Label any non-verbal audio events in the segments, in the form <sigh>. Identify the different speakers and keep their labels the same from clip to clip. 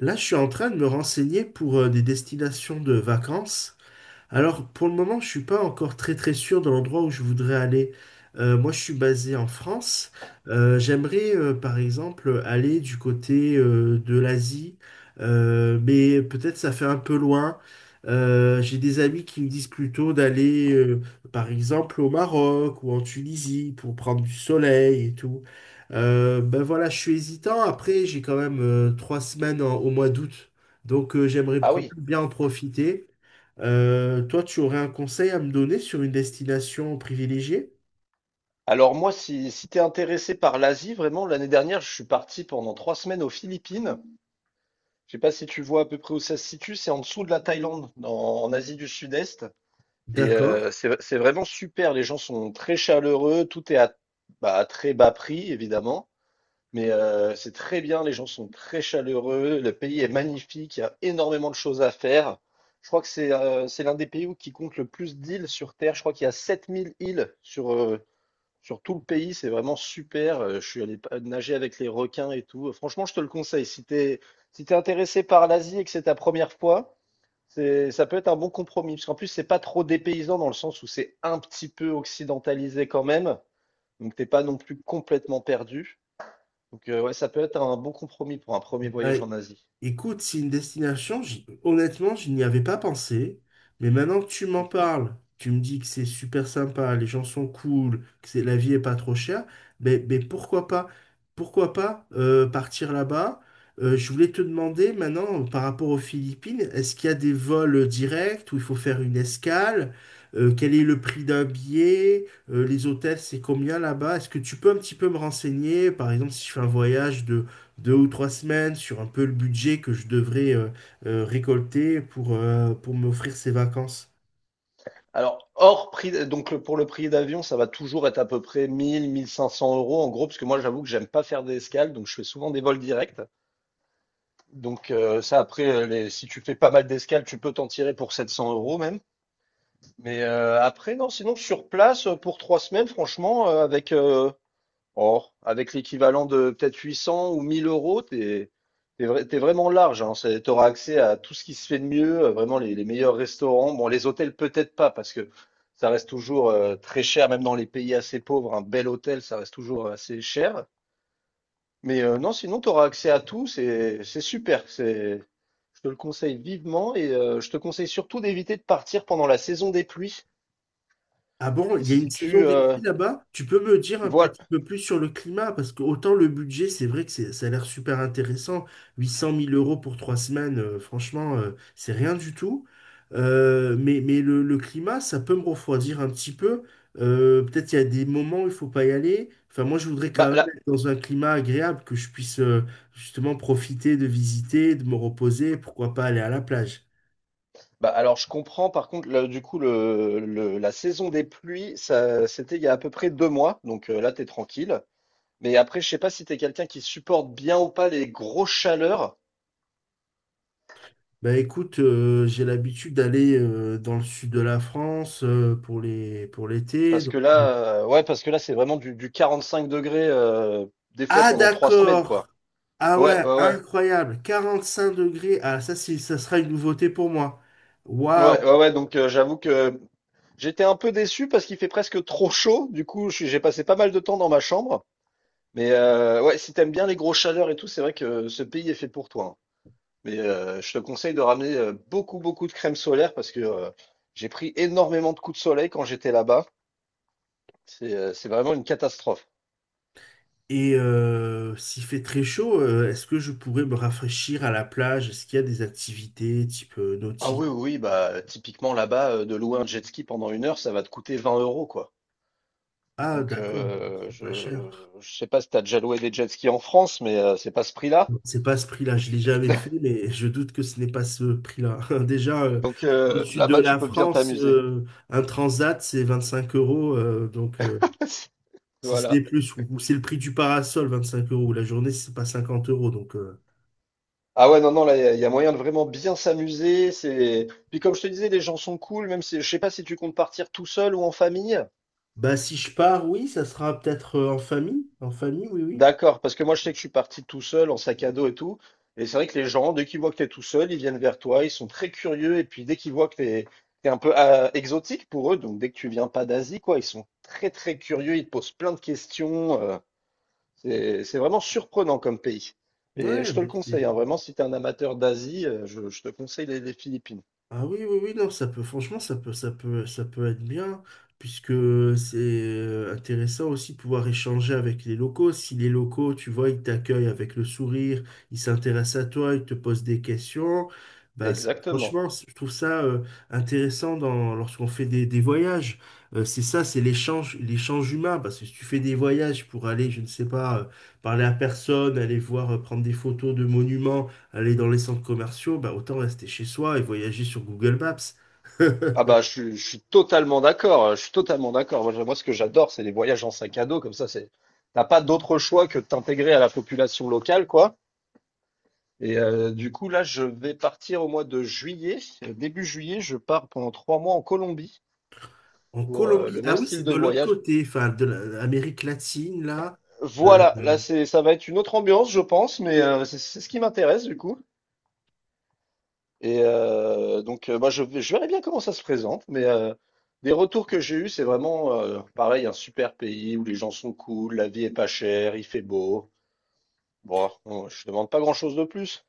Speaker 1: Là, je suis en train de me renseigner pour des destinations de vacances. Alors, pour le moment, je suis pas encore très très sûr de l'endroit où je voudrais aller. Moi, je suis basé en France. J'aimerais, par exemple, aller du côté de l'Asie. Mais peut-être ça fait un peu loin. J'ai des amis qui me disent plutôt d'aller, par exemple, au Maroc ou en Tunisie pour prendre du soleil et tout. Ben voilà, je suis hésitant. Après, j'ai quand même trois semaines au mois d'août, donc j'aimerais
Speaker 2: Ah
Speaker 1: quand
Speaker 2: oui.
Speaker 1: même bien en profiter. Toi, tu aurais un conseil à me donner sur une destination privilégiée?
Speaker 2: Alors moi, si t'es intéressé par l'Asie, vraiment, l'année dernière, je suis parti pendant 3 semaines aux Philippines. Je sais pas si tu vois à peu près où ça se situe, c'est en dessous de la Thaïlande, en Asie du Sud-Est. Et
Speaker 1: D'accord.
Speaker 2: c'est vraiment super, les gens sont très chaleureux, tout est à très bas prix, évidemment. Mais c'est très bien, les gens sont très chaleureux, le pays est magnifique, il y a énormément de choses à faire. Je crois que c'est l'un des pays où qui compte le plus d'îles sur Terre. Je crois qu'il y a 7 000 îles sur tout le pays, c'est vraiment super. Je suis allé nager avec les requins et tout. Franchement, je te le conseille. Si t'es intéressé par l'Asie et que c'est ta première fois, c'est, ça peut être un bon compromis. Parce qu'en plus, c'est pas trop dépaysant dans le sens où c'est un petit peu occidentalisé quand même. Donc, t'es pas non plus complètement perdu. Donc, ouais, ça peut être un bon compromis pour un premier
Speaker 1: Bah,
Speaker 2: voyage en Asie.
Speaker 1: écoute, c'est une destination, honnêtement, je n'y avais pas pensé, mais maintenant que tu m'en
Speaker 2: Mhm.
Speaker 1: parles, tu me dis que c'est super sympa, les gens sont cool, que c'est, la vie est pas trop chère, mais pourquoi pas partir là-bas? Je voulais te demander maintenant, par rapport aux Philippines, est-ce qu'il y a des vols directs où il faut faire une escale? Quel est le prix d'un billet? Les hôtels, c'est combien là-bas? Est-ce que tu peux un petit peu me renseigner, par exemple, si je fais un voyage deux ou trois semaines sur un peu le budget que je devrais récolter pour m'offrir ces vacances.
Speaker 2: Alors, hors prix, donc pour le prix d'avion, ça va toujours être à peu près 1000, 1500 euros en gros, parce que moi, j'avoue que j'aime pas faire des escales, donc je fais souvent des vols directs. Donc ça, après, si tu fais pas mal d'escales, tu peux t'en tirer pour 700 euros même. Mais après, non, sinon sur place, pour 3 semaines, franchement, avec l'équivalent de peut-être 800 ou 1000 euros, t'es vraiment large. Hein, t'auras accès à tout ce qui se fait de mieux, vraiment les meilleurs restaurants. Bon, les hôtels peut-être pas, parce que ça reste toujours très cher, même dans les pays assez pauvres, un bel hôtel, ça reste toujours assez cher. Mais non, sinon, tu auras accès à tout, c'est super. Je te le conseille vivement et je te conseille surtout d'éviter de partir pendant la saison des pluies.
Speaker 1: Ah bon,
Speaker 2: Qui
Speaker 1: il y a
Speaker 2: se
Speaker 1: une saison
Speaker 2: situe,
Speaker 1: des pluies là-bas? Tu peux me dire un
Speaker 2: voilà.
Speaker 1: petit peu plus sur le climat? Parce que autant le budget, c'est vrai que ça a l'air super intéressant. 800 000 euros pour trois semaines, franchement, c'est rien du tout. Mais le climat, ça peut me refroidir un petit peu. Peut-être qu'il y a des moments où il faut pas y aller. Enfin, moi, je voudrais
Speaker 2: Bah
Speaker 1: quand même
Speaker 2: là,
Speaker 1: être dans un climat agréable, que je puisse justement profiter de visiter, de me reposer, pourquoi pas aller à la plage.
Speaker 2: bah alors je comprends. Par contre, là, du coup, la saison des pluies, ça, c'était il y a à peu près 2 mois, donc là, t'es tranquille. Mais après, je sais pas si t'es quelqu'un qui supporte bien ou pas les grosses chaleurs,
Speaker 1: Bah écoute, j'ai l'habitude d'aller dans le sud de la France pour les pour l'été. <laughs>
Speaker 2: ouais, parce que là, c'est vraiment du 45 degrés, des fois
Speaker 1: Ah
Speaker 2: pendant 3 semaines,
Speaker 1: d'accord.
Speaker 2: quoi.
Speaker 1: Ah
Speaker 2: Ouais,
Speaker 1: ouais,
Speaker 2: ouais, ouais.
Speaker 1: incroyable. 45 degrés. Ah, ça sera une nouveauté pour moi.
Speaker 2: Ouais,
Speaker 1: Waouh.
Speaker 2: ouais, ouais, donc j'avoue que j'étais un peu déçu parce qu'il fait presque trop chaud. Du coup, j'ai passé pas mal de temps dans ma chambre. Mais ouais, si t'aimes bien les grosses chaleurs et tout, c'est vrai que ce pays est fait pour toi, hein. Mais je te conseille de ramener beaucoup, beaucoup de crème solaire parce que j'ai pris énormément de coups de soleil quand j'étais là-bas. C'est vraiment une catastrophe.
Speaker 1: Et s'il fait très chaud, est-ce que je pourrais me rafraîchir à la plage? Est-ce qu'il y a des activités type
Speaker 2: Ah
Speaker 1: nautique?
Speaker 2: oui, oui, oui, bah typiquement là-bas, de louer un jet ski pendant une heure, ça va te coûter 20 euros, quoi.
Speaker 1: Ah
Speaker 2: Donc
Speaker 1: d'accord, bon, bah, c'est pas
Speaker 2: je,
Speaker 1: cher.
Speaker 2: je sais pas si t'as déjà loué des jet skis en France, mais c'est pas ce prix-là.
Speaker 1: Non, c'est pas ce prix-là, je
Speaker 2: Donc,
Speaker 1: l'ai jamais
Speaker 2: heu,
Speaker 1: fait,
Speaker 2: <laughs>
Speaker 1: mais je doute que ce n'est pas ce prix-là. <laughs> Déjà,
Speaker 2: donc
Speaker 1: dans le
Speaker 2: heu,
Speaker 1: sud de
Speaker 2: là-bas, tu
Speaker 1: la
Speaker 2: peux bien
Speaker 1: France,
Speaker 2: t'amuser.
Speaker 1: un transat, c'est 25 euros. Donc,
Speaker 2: <laughs>
Speaker 1: si ce n'est
Speaker 2: Voilà.
Speaker 1: plus, ou c'est le prix du parasol, 25 euros. La journée, c'est pas 50 euros. Donc,
Speaker 2: Ah ouais, non, non, là, il y a moyen de vraiment bien s'amuser. C'est puis comme je te disais, les gens sont cool, même si je sais pas si tu comptes partir tout seul ou en famille?
Speaker 1: bah, si je pars, oui, ça sera peut-être en famille. En famille, oui, oui.
Speaker 2: D'accord, parce que moi, je sais que je suis parti tout seul, en sac à dos et tout. Et c'est vrai que les gens, dès qu'ils voient que tu es tout seul, ils viennent vers toi, ils sont très curieux. Et puis, dès qu'ils voient que tu es, un peu ah, exotique pour eux, donc dès que tu viens pas d'Asie, quoi, ils sont très, très curieux, ils te posent plein de questions. C'est vraiment surprenant comme pays. Et
Speaker 1: Ouais,
Speaker 2: je te le
Speaker 1: bah,
Speaker 2: conseille, hein, vraiment, si tu es un amateur d'Asie, je te conseille les Philippines.
Speaker 1: ah, oui, oui, oui, non, ça peut, franchement, ça peut être bien, puisque c'est intéressant aussi de pouvoir échanger avec les locaux. Si les locaux, tu vois, ils t'accueillent avec le sourire, ils s'intéressent à toi, ils te posent des questions, bah,
Speaker 2: Exactement.
Speaker 1: franchement, je trouve ça intéressant dans, lorsqu'on fait des voyages. C'est ça, c'est l'échange, l'échange humain, parce que si tu fais des voyages pour aller, je ne sais pas, parler à personne, aller voir, prendre des photos de monuments, aller dans les centres commerciaux, bah, autant rester chez soi et voyager sur Google Maps. <laughs>
Speaker 2: Ah bah, je suis totalement d'accord. Je suis totalement d'accord. Moi, moi, ce que j'adore, c'est les voyages en sac à dos. Comme ça, t'as pas d'autre choix que de t'intégrer à la population locale, quoi. Et du coup, là, je vais partir au mois de juillet. Début juillet, je pars pendant 3 mois en Colombie
Speaker 1: En
Speaker 2: pour
Speaker 1: Colombie,
Speaker 2: le
Speaker 1: ah
Speaker 2: même
Speaker 1: oui,
Speaker 2: style
Speaker 1: c'est
Speaker 2: de
Speaker 1: de l'autre
Speaker 2: voyage.
Speaker 1: côté, enfin de l'Amérique latine, là. Euh,
Speaker 2: Voilà, là, ça va être une autre ambiance, je pense, mais c'est ce qui m'intéresse, du coup. Et donc, bah, je verrai bien comment ça se présente, mais des retours que j'ai eus, c'est vraiment pareil, un super pays où les gens sont cool, la vie est pas chère, il fait beau. Bon, je demande pas grand-chose de plus.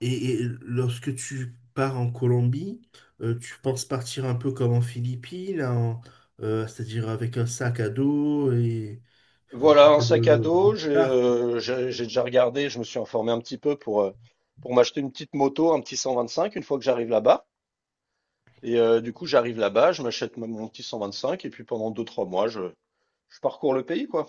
Speaker 1: et lorsque tu pars en Colombie, tu penses partir un peu comme en Philippines, c'est-à-dire avec un sac à dos et euh,
Speaker 2: Voilà, un
Speaker 1: le- le-
Speaker 2: sac à
Speaker 1: le- le-
Speaker 2: dos, j'ai
Speaker 1: ah.
Speaker 2: euh, j'ai j'ai déjà regardé, je me suis informé un petit peu pour m'acheter une petite moto, un petit 125 une fois que j'arrive là-bas. Et du coup, j'arrive là-bas, je m'achète mon petit 125 et puis pendant deux-trois mois, je parcours le pays, quoi.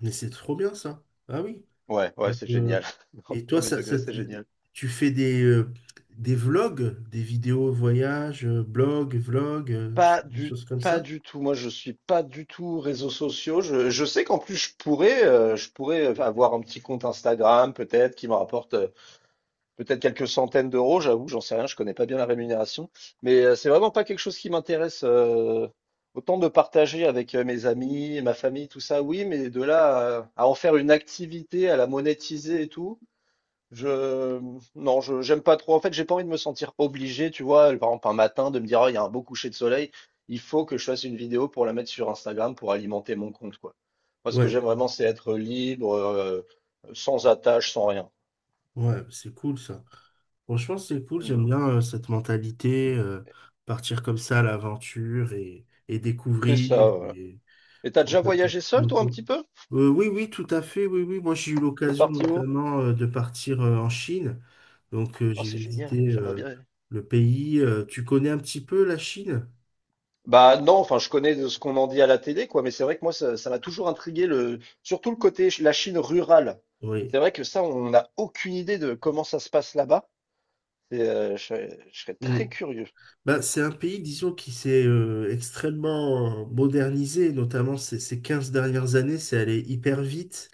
Speaker 1: Mais c'est trop bien ça. Ah oui.
Speaker 2: Ouais, ouais,
Speaker 1: Donc,
Speaker 2: c'est génial. <laughs>
Speaker 1: et toi,
Speaker 2: Premier degré, c'est génial.
Speaker 1: tu fais des vlogs, des vidéos voyage, blog, vlog, tu
Speaker 2: Pas
Speaker 1: fais des
Speaker 2: du,
Speaker 1: choses comme
Speaker 2: pas
Speaker 1: ça?
Speaker 2: du tout. Moi, je suis pas du tout réseaux sociaux. Je sais qu'en plus, je pourrais avoir un petit compte Instagram, peut-être, qui me rapporte peut-être quelques centaines d'euros. J'avoue, j'en sais rien. Je connais pas bien la rémunération, mais c'est vraiment pas quelque chose qui m'intéresse. Autant de partager avec mes amis, ma famille, tout ça, oui, mais de là à en faire une activité, à la monétiser et tout, je non, je j'aime pas trop. En fait, j'ai pas envie de me sentir obligé, tu vois, par exemple un matin de me dire, Ah, il y a un beau coucher de soleil, il faut que je fasse une vidéo pour la mettre sur Instagram pour alimenter mon compte, quoi. Moi, ce que
Speaker 1: Ouais,
Speaker 2: j'aime vraiment, c'est être libre, sans attache, sans rien.
Speaker 1: ouais, c'est cool ça. Franchement, c'est cool,
Speaker 2: Mm.
Speaker 1: j'aime bien cette mentalité, partir comme ça à l'aventure et
Speaker 2: C'est
Speaker 1: découvrir.
Speaker 2: ça, voilà.
Speaker 1: Et
Speaker 2: Et t'as
Speaker 1: prendre
Speaker 2: déjà
Speaker 1: sa petite
Speaker 2: voyagé seul, toi, un
Speaker 1: moto.
Speaker 2: petit peu?
Speaker 1: Oui, oui, tout à fait, oui, oui. Moi, j'ai eu
Speaker 2: T'es
Speaker 1: l'occasion
Speaker 2: parti où?
Speaker 1: notamment de partir en Chine. Donc,
Speaker 2: Oh,
Speaker 1: j'ai
Speaker 2: c'est génial,
Speaker 1: visité
Speaker 2: j'aimerais bien.
Speaker 1: le pays. Tu connais un petit peu la Chine?
Speaker 2: Bah non, enfin je connais de ce qu'on en dit à la télé, quoi, mais c'est vrai que moi ça m'a toujours intrigué le surtout le côté la Chine rurale.
Speaker 1: Oui.
Speaker 2: C'est vrai que ça, on n'a aucune idée de comment ça se passe là-bas. Et, je serais
Speaker 1: Mm.
Speaker 2: très curieux.
Speaker 1: Bah, c'est un pays, disons, qui s'est extrêmement modernisé, notamment ces 15 dernières années, c'est allé hyper vite.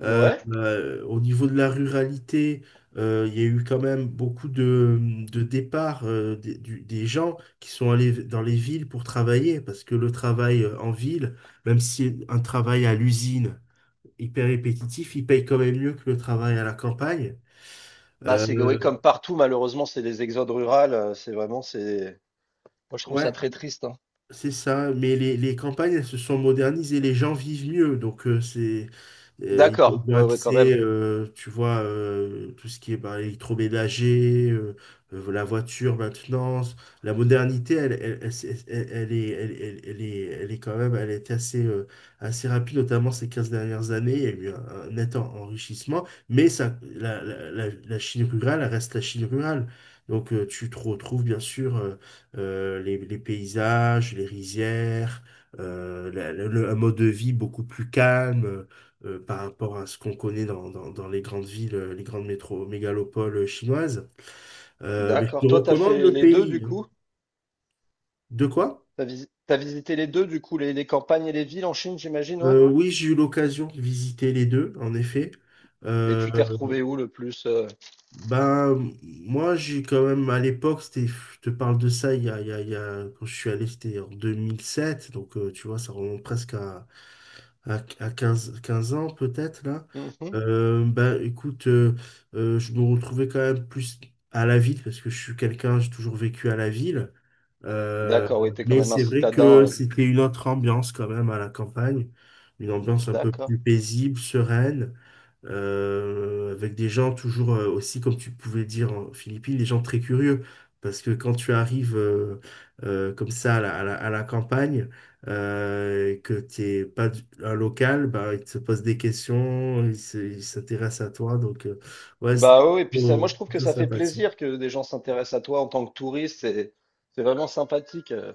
Speaker 2: Ouais.
Speaker 1: Au niveau de la ruralité, il y a eu quand même beaucoup de départs des gens qui sont allés dans les villes pour travailler, parce que le travail en ville, même si un travail à l'usine hyper répétitif, il paye quand même mieux que le travail à la campagne.
Speaker 2: Bah
Speaker 1: Euh,
Speaker 2: c'est que oui, comme partout, malheureusement, c'est les exodes rurales. C'est vraiment c'est. Moi je trouve ça
Speaker 1: ouais,
Speaker 2: très triste, hein.
Speaker 1: c'est ça, mais les campagnes, elles se sont modernisées, les gens vivent mieux, donc c'est
Speaker 2: D'accord,
Speaker 1: ils ont
Speaker 2: ouais, ouais, quand même.
Speaker 1: accès, tu vois, tout ce qui est bah, électroménager, la voiture maintenant, la modernité, elle, elle- elle est quand même, elle était assez rapide, notamment ces 15 dernières années, il y a eu un net enrichissement, mais ça, la Chine rurale elle reste la Chine rurale, donc tu te retrouves bien sûr. Les paysages, les rizières, un mode de vie beaucoup plus calme par rapport à ce qu'on connaît dans les grandes villes, les grandes mégalopoles chinoises. Mais je te
Speaker 2: D'accord. Toi, t'as
Speaker 1: recommande
Speaker 2: fait
Speaker 1: le
Speaker 2: les deux du
Speaker 1: pays, hein.
Speaker 2: coup?
Speaker 1: De quoi?
Speaker 2: T'as visité les deux, du coup, les campagnes et les villes en Chine, j'imagine, ouais.
Speaker 1: Oui, j'ai eu l'occasion de visiter les deux, en effet.
Speaker 2: Et tu t'es
Speaker 1: Euh,
Speaker 2: retrouvé où le plus?
Speaker 1: Ben, moi, j'ai quand même, à l'époque, c'était, je te parle de ça, il y a, il y a, il y a- quand je suis allé, c'était en 2007 donc tu vois, ça remonte presque à, à, 15 15 ans peut-être, là.
Speaker 2: Mhm.
Speaker 1: Ben, écoute, je me retrouvais quand même plus à la ville, parce que je suis quelqu'un, j'ai toujours vécu à la ville. Euh,
Speaker 2: D'accord, oui, t'es quand
Speaker 1: mais
Speaker 2: même un
Speaker 1: c'est vrai que
Speaker 2: citadin.
Speaker 1: c'était une autre ambiance quand même à la campagne, une ambiance un peu
Speaker 2: D'accord.
Speaker 1: plus paisible, sereine, avec des gens toujours aussi, comme tu pouvais dire en Philippines, des gens très curieux. Parce que quand tu arrives comme ça à la campagne, et que tu n'es pas un local, bah, ils te posent des questions, ils s'intéressent à toi. Donc, ouais, c'était
Speaker 2: Bah oui, oui, et puis ça, moi
Speaker 1: plutôt,
Speaker 2: je trouve que
Speaker 1: plutôt
Speaker 2: ça fait
Speaker 1: sympathique.
Speaker 2: plaisir que des gens s'intéressent à toi en tant que touriste, c'est vraiment sympathique.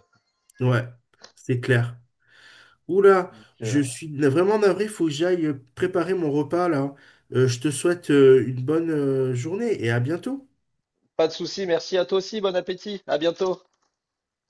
Speaker 1: Ouais, c'est clair. Oula,
Speaker 2: Donc,
Speaker 1: je suis vraiment navré, faut que j'aille préparer mon repas là. Je te souhaite une bonne journée et à bientôt.
Speaker 2: pas de souci, merci à toi aussi, bon appétit, à bientôt.